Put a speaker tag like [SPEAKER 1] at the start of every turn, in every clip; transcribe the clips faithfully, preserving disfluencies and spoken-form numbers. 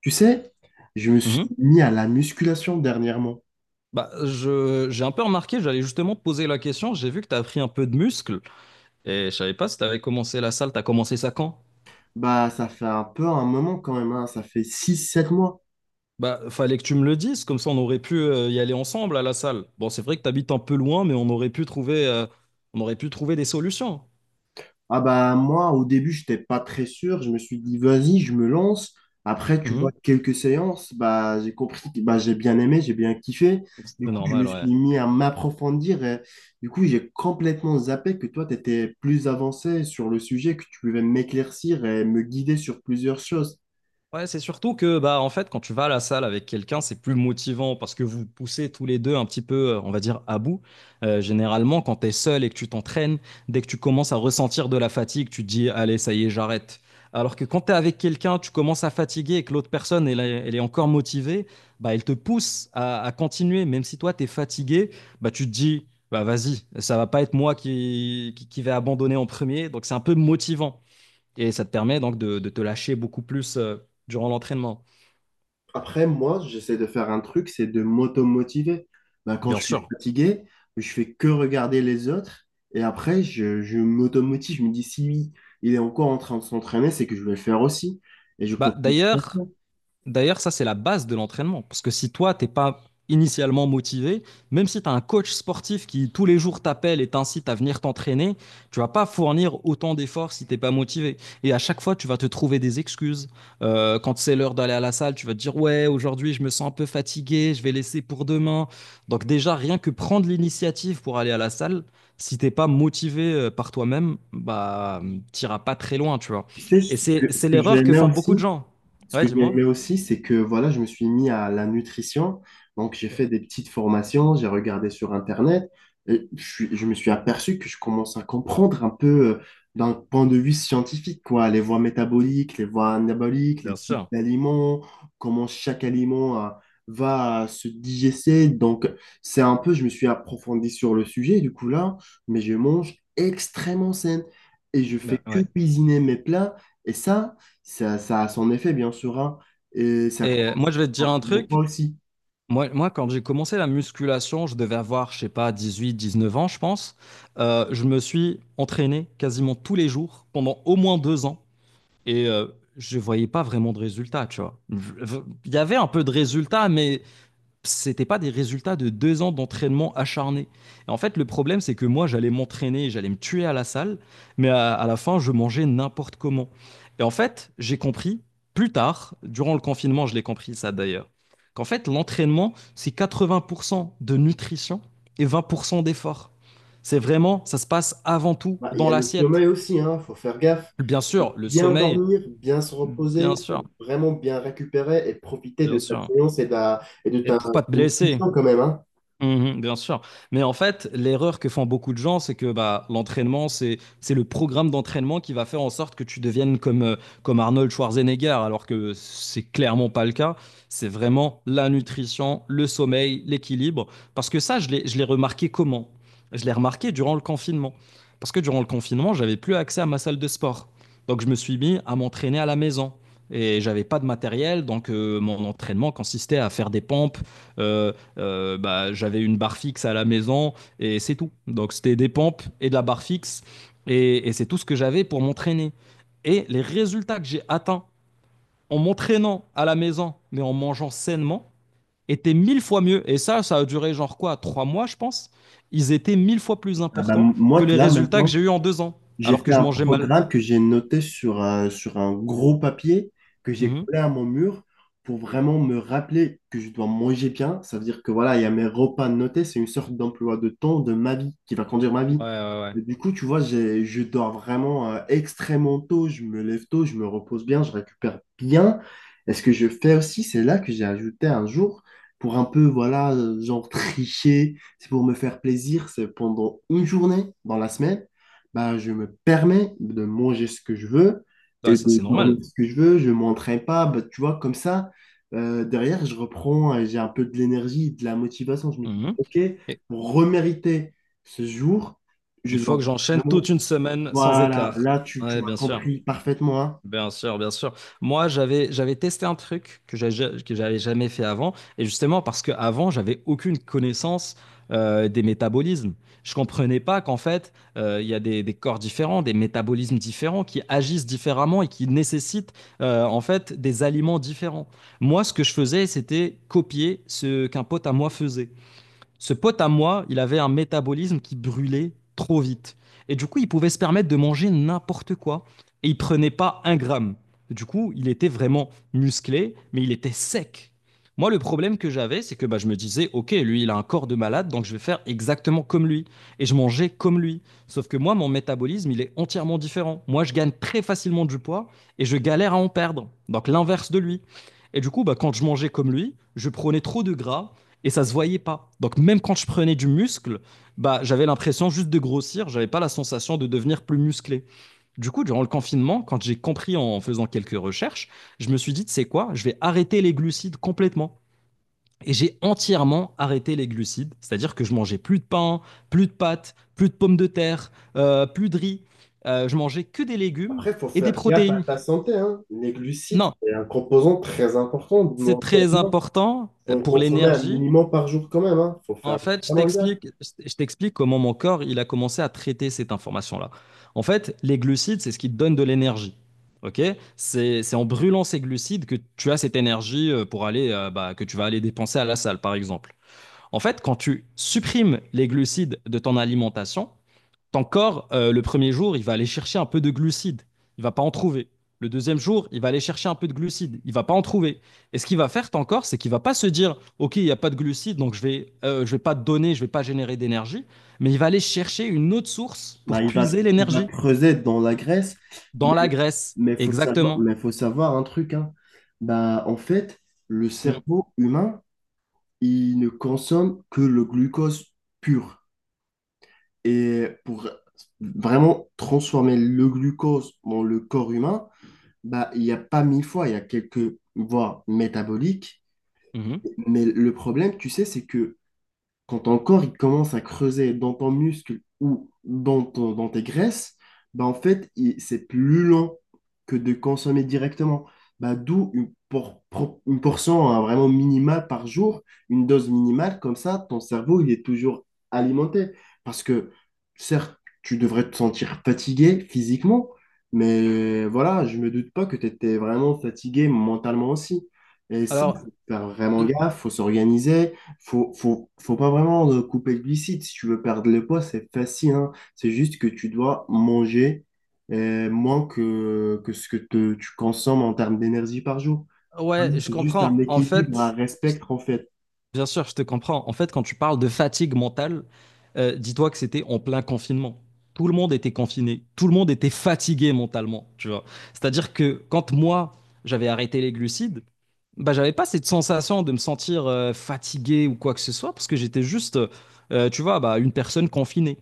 [SPEAKER 1] Tu sais, je me suis
[SPEAKER 2] Mhm.
[SPEAKER 1] mis à la musculation dernièrement.
[SPEAKER 2] Bah, je, j'ai un peu remarqué, j'allais justement te poser la question, j'ai vu que tu as pris un peu de muscle et je savais pas si tu avais commencé la salle, tu as commencé ça quand?
[SPEAKER 1] Bah, ça fait un peu un moment quand même, hein. Ça fait six, sept mois.
[SPEAKER 2] Bah, fallait que tu me le dises, comme ça on aurait pu euh, y aller ensemble à la salle. Bon, c'est vrai que tu habites un peu loin, mais on aurait pu trouver, euh, on aurait pu trouver des solutions.
[SPEAKER 1] Ah bah moi, au début, j'étais pas très sûr. Je me suis dit, vas-y, je me lance. Après, tu vois,
[SPEAKER 2] Mhm.
[SPEAKER 1] quelques séances, bah, j'ai compris que bah, j'ai bien aimé, j'ai bien kiffé.
[SPEAKER 2] C'est
[SPEAKER 1] Du coup, je me
[SPEAKER 2] normal, ouais.
[SPEAKER 1] suis mis à m'approfondir, et du coup, j'ai complètement zappé que toi, tu étais plus avancé sur le sujet, que tu pouvais m'éclaircir et me guider sur plusieurs choses.
[SPEAKER 2] Ouais, c'est surtout que bah en fait quand tu vas à la salle avec quelqu'un, c'est plus motivant parce que vous poussez tous les deux un petit peu, euh, on va dire, à bout. Euh, généralement, quand tu es seul et que tu t'entraînes, dès que tu commences à ressentir de la fatigue, tu te dis allez, ça y est, j'arrête. Alors que quand tu es avec quelqu'un, tu commences à fatiguer et que l'autre personne elle, est elle est encore motivée, bah elle te pousse à, à continuer même si toi tu es fatigué, bah tu te dis bah vas-y, ça va pas être moi qui qui, qui vais abandonner en premier, donc c'est un peu motivant. Et ça te permet donc de, de te lâcher beaucoup plus euh, durant l'entraînement.
[SPEAKER 1] Après, moi, j'essaie de faire un truc, c'est de m'auto-motiver. Bah, quand
[SPEAKER 2] Bien
[SPEAKER 1] je suis
[SPEAKER 2] sûr.
[SPEAKER 1] fatigué, je fais que regarder les autres et après, je, je m'auto-motive. Je me dis, si lui, il est encore en train de s'entraîner, c'est que je vais le faire aussi. Et je
[SPEAKER 2] Bah,
[SPEAKER 1] continue.
[SPEAKER 2] d'ailleurs, D'ailleurs, ça, c'est la base de l'entraînement. Parce que si toi, t'es pas initialement motivé, même si tu as un coach sportif qui tous les jours t'appelle et t'incite à venir t'entraîner, tu vas pas fournir autant d'efforts si t'es pas motivé. Et à chaque fois, tu vas te trouver des excuses. Euh, quand c'est l'heure d'aller à la salle, tu vas te dire, ouais, aujourd'hui, je me sens un peu fatigué, je vais laisser pour demain. Donc déjà, rien que prendre l'initiative pour aller à la salle, si t'es pas motivé euh, par toi-même, bah, euh, t'iras pas très loin, tu vois.
[SPEAKER 1] Tu sais,
[SPEAKER 2] Et
[SPEAKER 1] ce
[SPEAKER 2] c'est,
[SPEAKER 1] que, ce
[SPEAKER 2] c'est
[SPEAKER 1] que
[SPEAKER 2] l'erreur
[SPEAKER 1] j'ai
[SPEAKER 2] que font beaucoup de
[SPEAKER 1] aussi,
[SPEAKER 2] gens.
[SPEAKER 1] ce
[SPEAKER 2] Ouais,
[SPEAKER 1] que j'ai
[SPEAKER 2] dis-moi.
[SPEAKER 1] aimé aussi, c'est que voilà, je me suis mis à la nutrition. Donc, j'ai fait des petites formations, j'ai regardé sur Internet et je suis- je me suis aperçu que je commence à comprendre un peu euh, d'un point de vue scientifique, quoi, les voies métaboliques, les voies anaboliques, les
[SPEAKER 2] Bien
[SPEAKER 1] types
[SPEAKER 2] sûr.
[SPEAKER 1] d'aliments, comment chaque aliment euh, va se digester. Donc, c'est un peu, je me suis approfondi sur le sujet, du coup, là, mais je mange extrêmement sain et je fais
[SPEAKER 2] Ben,
[SPEAKER 1] que
[SPEAKER 2] ouais.
[SPEAKER 1] cuisiner mes plats. Et ça, ça, ça a son effet, bien sûr, hein. Et ça
[SPEAKER 2] Et euh, moi, je
[SPEAKER 1] commence
[SPEAKER 2] vais te dire un
[SPEAKER 1] forcément pas
[SPEAKER 2] truc.
[SPEAKER 1] aussi.
[SPEAKER 2] Moi, moi quand j'ai commencé la musculation, je devais avoir, je sais pas, dix-huit, dix-neuf ans, je pense. Euh, je me suis entraîné quasiment tous les jours pendant au moins deux ans. Et euh, je voyais pas vraiment de résultats, tu vois. Je- je- Il y avait un peu de résultats, mais c'était pas des résultats de deux ans d'entraînement acharné. Et en fait, le problème, c'est que moi, j'allais m'entraîner, j'allais me tuer à la salle, mais à, à la fin, je mangeais n'importe comment. Et en fait, j'ai compris plus tard, durant le confinement, je l'ai compris ça d'ailleurs, qu'en fait, l'entraînement, c'est quatre-vingts pour cent de nutrition et vingt pour cent d'effort. C'est vraiment, ça se passe avant tout
[SPEAKER 1] Bah, il y
[SPEAKER 2] dans
[SPEAKER 1] a le
[SPEAKER 2] l'assiette.
[SPEAKER 1] sommeil aussi, hein. Faut faire gaffe.
[SPEAKER 2] Bien
[SPEAKER 1] Pour
[SPEAKER 2] sûr, le
[SPEAKER 1] bien
[SPEAKER 2] sommeil,
[SPEAKER 1] dormir, bien se reposer,
[SPEAKER 2] bien sûr,
[SPEAKER 1] pour vraiment bien récupérer et profiter de
[SPEAKER 2] bien
[SPEAKER 1] ta
[SPEAKER 2] sûr.
[SPEAKER 1] séance et de, et de
[SPEAKER 2] Et
[SPEAKER 1] ta
[SPEAKER 2] pour pas te blesser,
[SPEAKER 1] nutrition quand même, hein.
[SPEAKER 2] mhm, bien sûr. Mais en fait, l'erreur que font beaucoup de gens, c'est que bah, l'entraînement, c'est, c'est le programme d'entraînement qui va faire en sorte que tu deviennes comme, euh, comme Arnold Schwarzenegger, alors que c'est clairement pas le cas. C'est vraiment la nutrition, le sommeil, l'équilibre. Parce que ça, je l'ai, je l'ai remarqué comment? Je l'ai remarqué durant le confinement. Parce que durant le confinement, j'avais plus accès à ma salle de sport. Donc, je me suis mis à m'entraîner à la maison. Et j'avais pas de matériel, donc euh, mon entraînement consistait à faire des pompes, euh, euh, bah, j'avais une barre fixe à la maison et c'est tout. Donc c'était des pompes et de la barre fixe et, et c'est tout ce que j'avais pour m'entraîner. Et les résultats que j'ai atteints en m'entraînant à la maison mais en mangeant sainement étaient mille fois mieux. Et ça, ça a duré genre quoi, trois mois je pense. Ils étaient mille fois plus
[SPEAKER 1] Ah bah,
[SPEAKER 2] importants que
[SPEAKER 1] moi,
[SPEAKER 2] les
[SPEAKER 1] là,
[SPEAKER 2] résultats que
[SPEAKER 1] maintenant,
[SPEAKER 2] j'ai eu en deux ans
[SPEAKER 1] j'ai
[SPEAKER 2] alors que
[SPEAKER 1] fait
[SPEAKER 2] je
[SPEAKER 1] un
[SPEAKER 2] mangeais mal.
[SPEAKER 1] programme que j'ai noté sur un, sur un gros papier que j'ai
[SPEAKER 2] Mhm.
[SPEAKER 1] collé à mon mur pour vraiment me rappeler que je dois manger bien. Ça veut dire que voilà, il y a mes repas notés. C'est une sorte d'emploi de temps de ma vie qui va conduire ma
[SPEAKER 2] Ouais,
[SPEAKER 1] vie.
[SPEAKER 2] ouais, ouais.
[SPEAKER 1] Et du coup, tu vois, j'ai- je dors vraiment euh, extrêmement tôt. Je me lève tôt, je me repose bien, je récupère bien. Et ce que je fais aussi, c'est là que j'ai ajouté un jour pour un peu, voilà, euh, genre tricher. C'est pour me faire plaisir. C'est pendant une journée dans la semaine bah, je me permets de manger ce que je veux
[SPEAKER 2] Ouais,
[SPEAKER 1] et
[SPEAKER 2] ça
[SPEAKER 1] de
[SPEAKER 2] c'est
[SPEAKER 1] dormir
[SPEAKER 2] normal.
[SPEAKER 1] ce que je veux, je m'entraîne pas, bah, tu vois, comme ça, euh, derrière, je reprends, et j'ai un peu de l'énergie, de la motivation. Je me dis,
[SPEAKER 2] Mhm.
[SPEAKER 1] OK,
[SPEAKER 2] Et
[SPEAKER 1] pour remériter ce jour, je
[SPEAKER 2] il faut
[SPEAKER 1] dois
[SPEAKER 2] que j'enchaîne toute
[SPEAKER 1] vraiment.
[SPEAKER 2] une semaine sans
[SPEAKER 1] Voilà,
[SPEAKER 2] écart.
[SPEAKER 1] là, tu, tu
[SPEAKER 2] Ouais,
[SPEAKER 1] m'as
[SPEAKER 2] bien sûr.
[SPEAKER 1] compris parfaitement, hein.
[SPEAKER 2] Bien sûr, bien sûr. Moi, j'avais j'avais testé un truc que j'a- ja- que j'avais jamais fait avant, et justement parce que avant j'avais aucune connaissance euh, des métabolismes. Je comprenais pas qu'en fait euh, il y a des, des corps différents, des métabolismes différents qui agissent différemment et qui nécessitent euh, en fait des aliments différents. Moi, ce que je faisais, c'était copier ce qu'un pote à moi faisait. Ce pote à moi, il avait un métabolisme qui brûlait trop vite. Et du coup, il pouvait se permettre de manger n'importe quoi. Et il prenait pas un gramme. Du coup, il était vraiment musclé, mais il était sec. Moi, le problème que j'avais, c'est que bah, je me disais, OK, lui, il a un corps de malade, donc je vais faire exactement comme lui. Et je mangeais comme lui. Sauf que moi, mon métabolisme, il est entièrement différent. Moi, je gagne très facilement du poids et je galère à en perdre. Donc l'inverse de lui. Et du coup, bah, quand je mangeais comme lui, je prenais trop de gras et ça se voyait pas. Donc même quand je prenais du muscle, bah j'avais l'impression juste de grossir, j'avais pas la sensation de devenir plus musclé. Du coup, durant le confinement, quand j'ai compris en faisant quelques recherches, je me suis dit, c'est quoi. Je vais arrêter les glucides complètement. Et j'ai entièrement arrêté les glucides, c'est-à-dire que je mangeais plus de pain, plus de pâtes, plus de pommes de terre, euh, plus de riz. Euh, je mangeais que des légumes
[SPEAKER 1] Après, il faut
[SPEAKER 2] et des
[SPEAKER 1] faire gaffe à
[SPEAKER 2] protéines.
[SPEAKER 1] ta santé, hein. Les glucides,
[SPEAKER 2] Non,
[SPEAKER 1] c'est un composant très important de
[SPEAKER 2] c'est
[SPEAKER 1] nos corps.
[SPEAKER 2] très
[SPEAKER 1] Il
[SPEAKER 2] important euh,
[SPEAKER 1] faut en
[SPEAKER 2] pour
[SPEAKER 1] consommer un
[SPEAKER 2] l'énergie.
[SPEAKER 1] minimum par jour quand même, hein. Faut
[SPEAKER 2] En
[SPEAKER 1] faire
[SPEAKER 2] fait, je
[SPEAKER 1] vraiment gaffe.
[SPEAKER 2] t'explique, je t'explique comment mon corps il a commencé à traiter cette information-là. En fait, les glucides, c'est ce qui te donne de l'énergie. Ok? C'est, c'est en brûlant ces glucides que tu as cette énergie euh, pour aller, euh, bah, que tu vas aller dépenser à la salle, par exemple. En fait, quand tu supprimes les glucides de ton alimentation, ton corps, euh, le premier jour, il va aller chercher un peu de glucides. Il va pas en trouver. Le deuxième jour, il va aller chercher un peu de glucides. Il va pas en trouver. Et ce qu'il va faire, ton corps, c'est qu'il va pas se dire, OK, il n'y a pas de glucides, donc je vais, euh, je vais pas te donner, je vais pas générer d'énergie. Mais il va aller chercher une autre source
[SPEAKER 1] Bah,
[SPEAKER 2] pour
[SPEAKER 1] il va,
[SPEAKER 2] puiser
[SPEAKER 1] il va
[SPEAKER 2] l'énergie
[SPEAKER 1] creuser dans la Grèce, mais
[SPEAKER 2] dans la graisse.
[SPEAKER 1] mais faut savoir,
[SPEAKER 2] Exactement.
[SPEAKER 1] mais faut savoir un truc, hein. Bah, en fait, le
[SPEAKER 2] Mhm.
[SPEAKER 1] cerveau humain, il ne consomme que le glucose pur. Et pour vraiment transformer le glucose dans le corps humain, bah, il n'y a pas mille fois, il y a quelques voies métaboliques.
[SPEAKER 2] Mhm.
[SPEAKER 1] Mais le problème, tu sais, c'est que quand ton corps il commence à creuser dans ton muscle ou dans, ton- dans tes graisses, bah en fait, il- c'est plus lent que de consommer directement. Bah, d'où une, por- pro- une portion hein, vraiment minimale par jour, une dose minimale, comme ça, ton cerveau, il est toujours alimenté. Parce que, certes, tu devrais te sentir fatigué physiquement, mais voilà, je me doute pas que tu étais vraiment fatigué mentalement aussi. Et ça,
[SPEAKER 2] Alors,
[SPEAKER 1] faut faire vraiment
[SPEAKER 2] euh,
[SPEAKER 1] gaffe, faut s'organiser, faut, faut, faut pas vraiment euh, couper le glucide. Si tu veux perdre le poids, c'est facile, hein. C'est juste que tu dois manger euh, moins que, que ce que te- tu consommes en termes d'énergie par jour. Vraiment,
[SPEAKER 2] ouais, je
[SPEAKER 1] c'est juste un
[SPEAKER 2] comprends. En
[SPEAKER 1] équilibre à
[SPEAKER 2] fait, je-
[SPEAKER 1] respecter en fait.
[SPEAKER 2] Bien sûr, je te comprends. En fait, quand tu parles de fatigue mentale, euh, dis-toi que c'était en plein confinement. Tout le monde était confiné, tout le monde était fatigué mentalement, tu vois. C'est-à-dire que quand moi, j'avais arrêté les glucides, bah, j'avais pas cette sensation de me sentir euh, fatigué ou quoi que ce soit, parce que j'étais juste, euh, tu vois, bah, une personne confinée.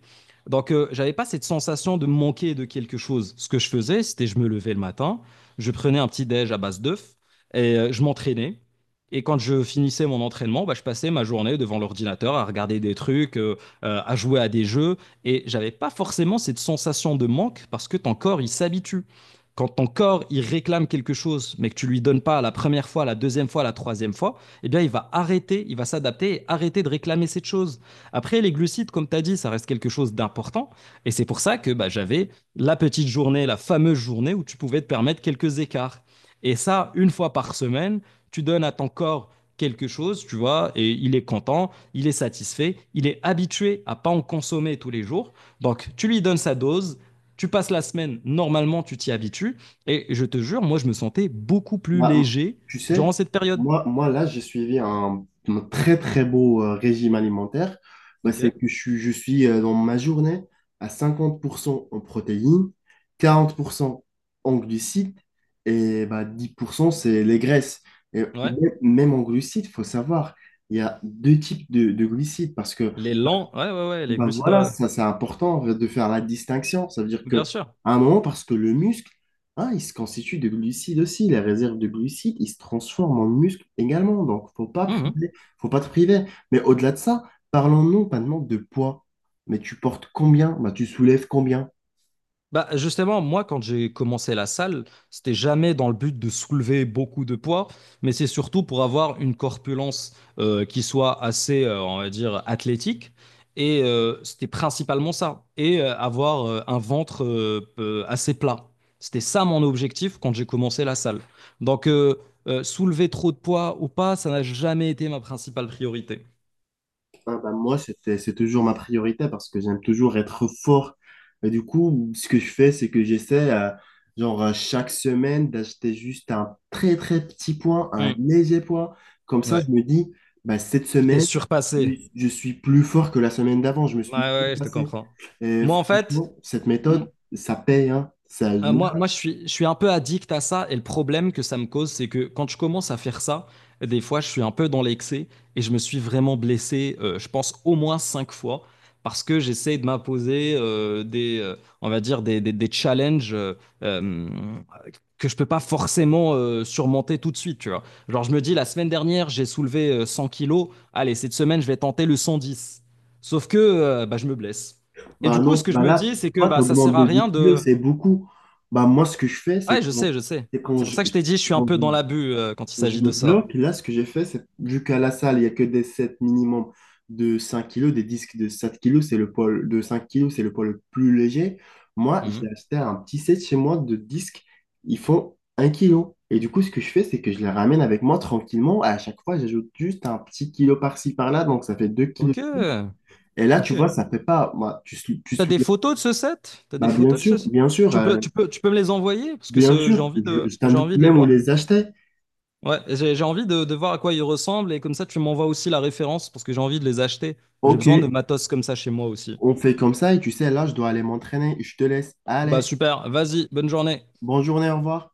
[SPEAKER 2] Donc, euh, j'avais pas cette sensation de me manquer de quelque chose. Ce que je faisais, c'était je me levais le matin, je prenais un petit déj à base d'œufs et euh, je m'entraînais. Et quand je finissais mon entraînement, bah, je passais ma journée devant l'ordinateur à regarder des trucs, euh, euh, à jouer à des jeux. Et j'avais pas forcément cette sensation de manque parce que ton corps, il s'habitue. Quand ton corps, il réclame quelque chose, mais que tu lui donnes pas la première fois, la deuxième fois, la troisième fois, eh bien, il va arrêter, il va s'adapter et arrêter de réclamer cette chose. Après, les glucides, comme tu as dit, ça reste quelque chose d'important. Et c'est pour ça que bah, j'avais la petite journée, la fameuse journée où tu pouvais te permettre quelques écarts. Et ça, une fois par semaine, tu donnes à ton corps quelque chose, tu vois, et il est content, il est satisfait, il est habitué à pas en consommer tous les jours. Donc, tu lui donnes sa dose, tu passes la semaine, normalement, tu t'y habitues. Et je te jure, moi, je me sentais beaucoup plus
[SPEAKER 1] Bah, m-
[SPEAKER 2] léger
[SPEAKER 1] tu
[SPEAKER 2] durant
[SPEAKER 1] sais,
[SPEAKER 2] cette période.
[SPEAKER 1] moi, moi là, j'ai suivi un, un très très beau euh, régime alimentaire. Bah,
[SPEAKER 2] Ok,
[SPEAKER 1] c'est que je, suis- je suis euh, dans ma journée à cinquante pour cent en protéines, quarante pour cent en glucides et bah, dix pour cent c'est les graisses. Et
[SPEAKER 2] ouais.
[SPEAKER 1] même même en glucides, il faut savoir, il y a deux types de, de glucides parce que
[SPEAKER 2] Les lents, ouais, ouais, ouais, les
[SPEAKER 1] bah
[SPEAKER 2] glucides,
[SPEAKER 1] voilà,
[SPEAKER 2] euh,
[SPEAKER 1] ça c'est important de faire la distinction. Ça veut dire
[SPEAKER 2] bien
[SPEAKER 1] que
[SPEAKER 2] sûr.
[SPEAKER 1] à un moment, parce que le muscle, hein, il se constitue de glucides aussi, les réserves de glucides, il se transforme en muscle également. Donc, faut pas
[SPEAKER 2] Mhm.
[SPEAKER 1] priver, faut pas te priver. Mais au-delà de ça, parlons-nous maintenant de poids. Mais tu portes combien? Bah, tu soulèves combien?
[SPEAKER 2] Bah, justement, moi, quand j'ai commencé la salle, c'était jamais dans le but de soulever beaucoup de poids, mais c'est surtout pour avoir une corpulence euh, qui soit assez, euh, on va dire, athlétique. Et euh, c'était principalement ça. Et euh, avoir euh, un ventre euh, euh, assez plat. C'était ça mon objectif quand j'ai commencé la salle. Donc, euh, euh, soulever trop de poids ou pas, ça n'a jamais été ma principale priorité.
[SPEAKER 1] Ah bah, moi, c'était, c'est toujours ma priorité parce que j'aime toujours être fort. Et du coup, ce que je fais, c'est que j'essaie, euh, genre, euh, chaque semaine, d'acheter juste un très, très petit point, un
[SPEAKER 2] Hmm.
[SPEAKER 1] léger point. Comme ça, je
[SPEAKER 2] Ouais.
[SPEAKER 1] me dis, bah, cette
[SPEAKER 2] Tu t'es
[SPEAKER 1] semaine,
[SPEAKER 2] surpassé.
[SPEAKER 1] je suis plus fort que la semaine d'avant. Je me
[SPEAKER 2] Ouais,
[SPEAKER 1] suis
[SPEAKER 2] ouais, je te
[SPEAKER 1] surpassé.
[SPEAKER 2] comprends.
[SPEAKER 1] Et
[SPEAKER 2] Moi, en fait.
[SPEAKER 1] franchement, cette
[SPEAKER 2] m-
[SPEAKER 1] méthode, ça paye, hein. Ça,
[SPEAKER 2] Euh, moi, moi je suis, je suis un peu addict à ça et le problème que ça me cause, c'est que quand je commence à faire ça, des fois, je suis un peu dans l'excès et je me suis vraiment blessé, euh, je pense, au moins cinq fois parce que j'essaie de m'imposer euh, des, euh, on va dire, des, des- des challenges euh, euh, que je peux pas forcément euh, surmonter tout de suite, tu vois. Genre, je me dis, la semaine dernière, j'ai soulevé euh, cent kilos, allez, cette semaine, je vais tenter le cent dix. Sauf que euh, bah, je me blesse. Et
[SPEAKER 1] bah
[SPEAKER 2] du coup, ce
[SPEAKER 1] non,
[SPEAKER 2] que je
[SPEAKER 1] bah
[SPEAKER 2] me
[SPEAKER 1] là,
[SPEAKER 2] dis, c'est que
[SPEAKER 1] toi, tu
[SPEAKER 2] bah, ça
[SPEAKER 1] augmentes
[SPEAKER 2] sert à
[SPEAKER 1] de
[SPEAKER 2] rien
[SPEAKER 1] dix kilos,
[SPEAKER 2] de.
[SPEAKER 1] c'est beaucoup. Bah moi, ce que je fais, c'est
[SPEAKER 2] Ouais, je
[SPEAKER 1] quand,
[SPEAKER 2] sais, je sais,
[SPEAKER 1] c'est quand,
[SPEAKER 2] C'est pour
[SPEAKER 1] je,
[SPEAKER 2] ça que je t'ai dit, je suis un
[SPEAKER 1] quand
[SPEAKER 2] peu
[SPEAKER 1] je
[SPEAKER 2] dans l'abus euh, quand il s'agit
[SPEAKER 1] Je me
[SPEAKER 2] de ça.
[SPEAKER 1] bloque. Là, ce que j'ai fait, c'est vu qu'à la salle, il n'y a que des sets minimum de cinq kilos, des disques de sept kilos, c'est le poids de cinq kilos, c'est le poids le plus léger. Moi, j'ai
[SPEAKER 2] Mhm.
[SPEAKER 1] acheté un petit set chez moi de disques, ils font un kilo. Et du coup, ce que je fais, c'est que je les ramène avec moi tranquillement. À chaque fois, j'ajoute juste un petit kilo par-ci, par-là, donc ça fait deux kilos
[SPEAKER 2] Ok,
[SPEAKER 1] de plus. Et là, tu
[SPEAKER 2] ok.
[SPEAKER 1] vois, ça fait pas. Moi, tu, sou- tu
[SPEAKER 2] T'as des
[SPEAKER 1] soulèves.
[SPEAKER 2] photos de ce set? T'as des
[SPEAKER 1] Bah, bien
[SPEAKER 2] photos de
[SPEAKER 1] sûr,
[SPEAKER 2] ce
[SPEAKER 1] bien sûr,
[SPEAKER 2] Tu peux,
[SPEAKER 1] euh,
[SPEAKER 2] tu peux, tu peux me les envoyer parce que
[SPEAKER 1] bien
[SPEAKER 2] ce- j'ai
[SPEAKER 1] sûr,
[SPEAKER 2] envie
[SPEAKER 1] je,
[SPEAKER 2] de,
[SPEAKER 1] je
[SPEAKER 2] j'ai
[SPEAKER 1] t'indique
[SPEAKER 2] envie de les
[SPEAKER 1] même où
[SPEAKER 2] voir.
[SPEAKER 1] les acheter.
[SPEAKER 2] Ouais, j'ai j'ai envie de, de voir à quoi ils ressemblent et comme ça tu m'envoies aussi la référence parce que j'ai envie de les acheter. J'ai
[SPEAKER 1] Ok,
[SPEAKER 2] besoin de matos comme ça chez moi aussi.
[SPEAKER 1] on fait comme ça et tu sais, là, je dois aller m'entraîner. Je te laisse.
[SPEAKER 2] Bah
[SPEAKER 1] Allez,
[SPEAKER 2] super, vas-y, bonne journée.
[SPEAKER 1] bonne journée, au revoir.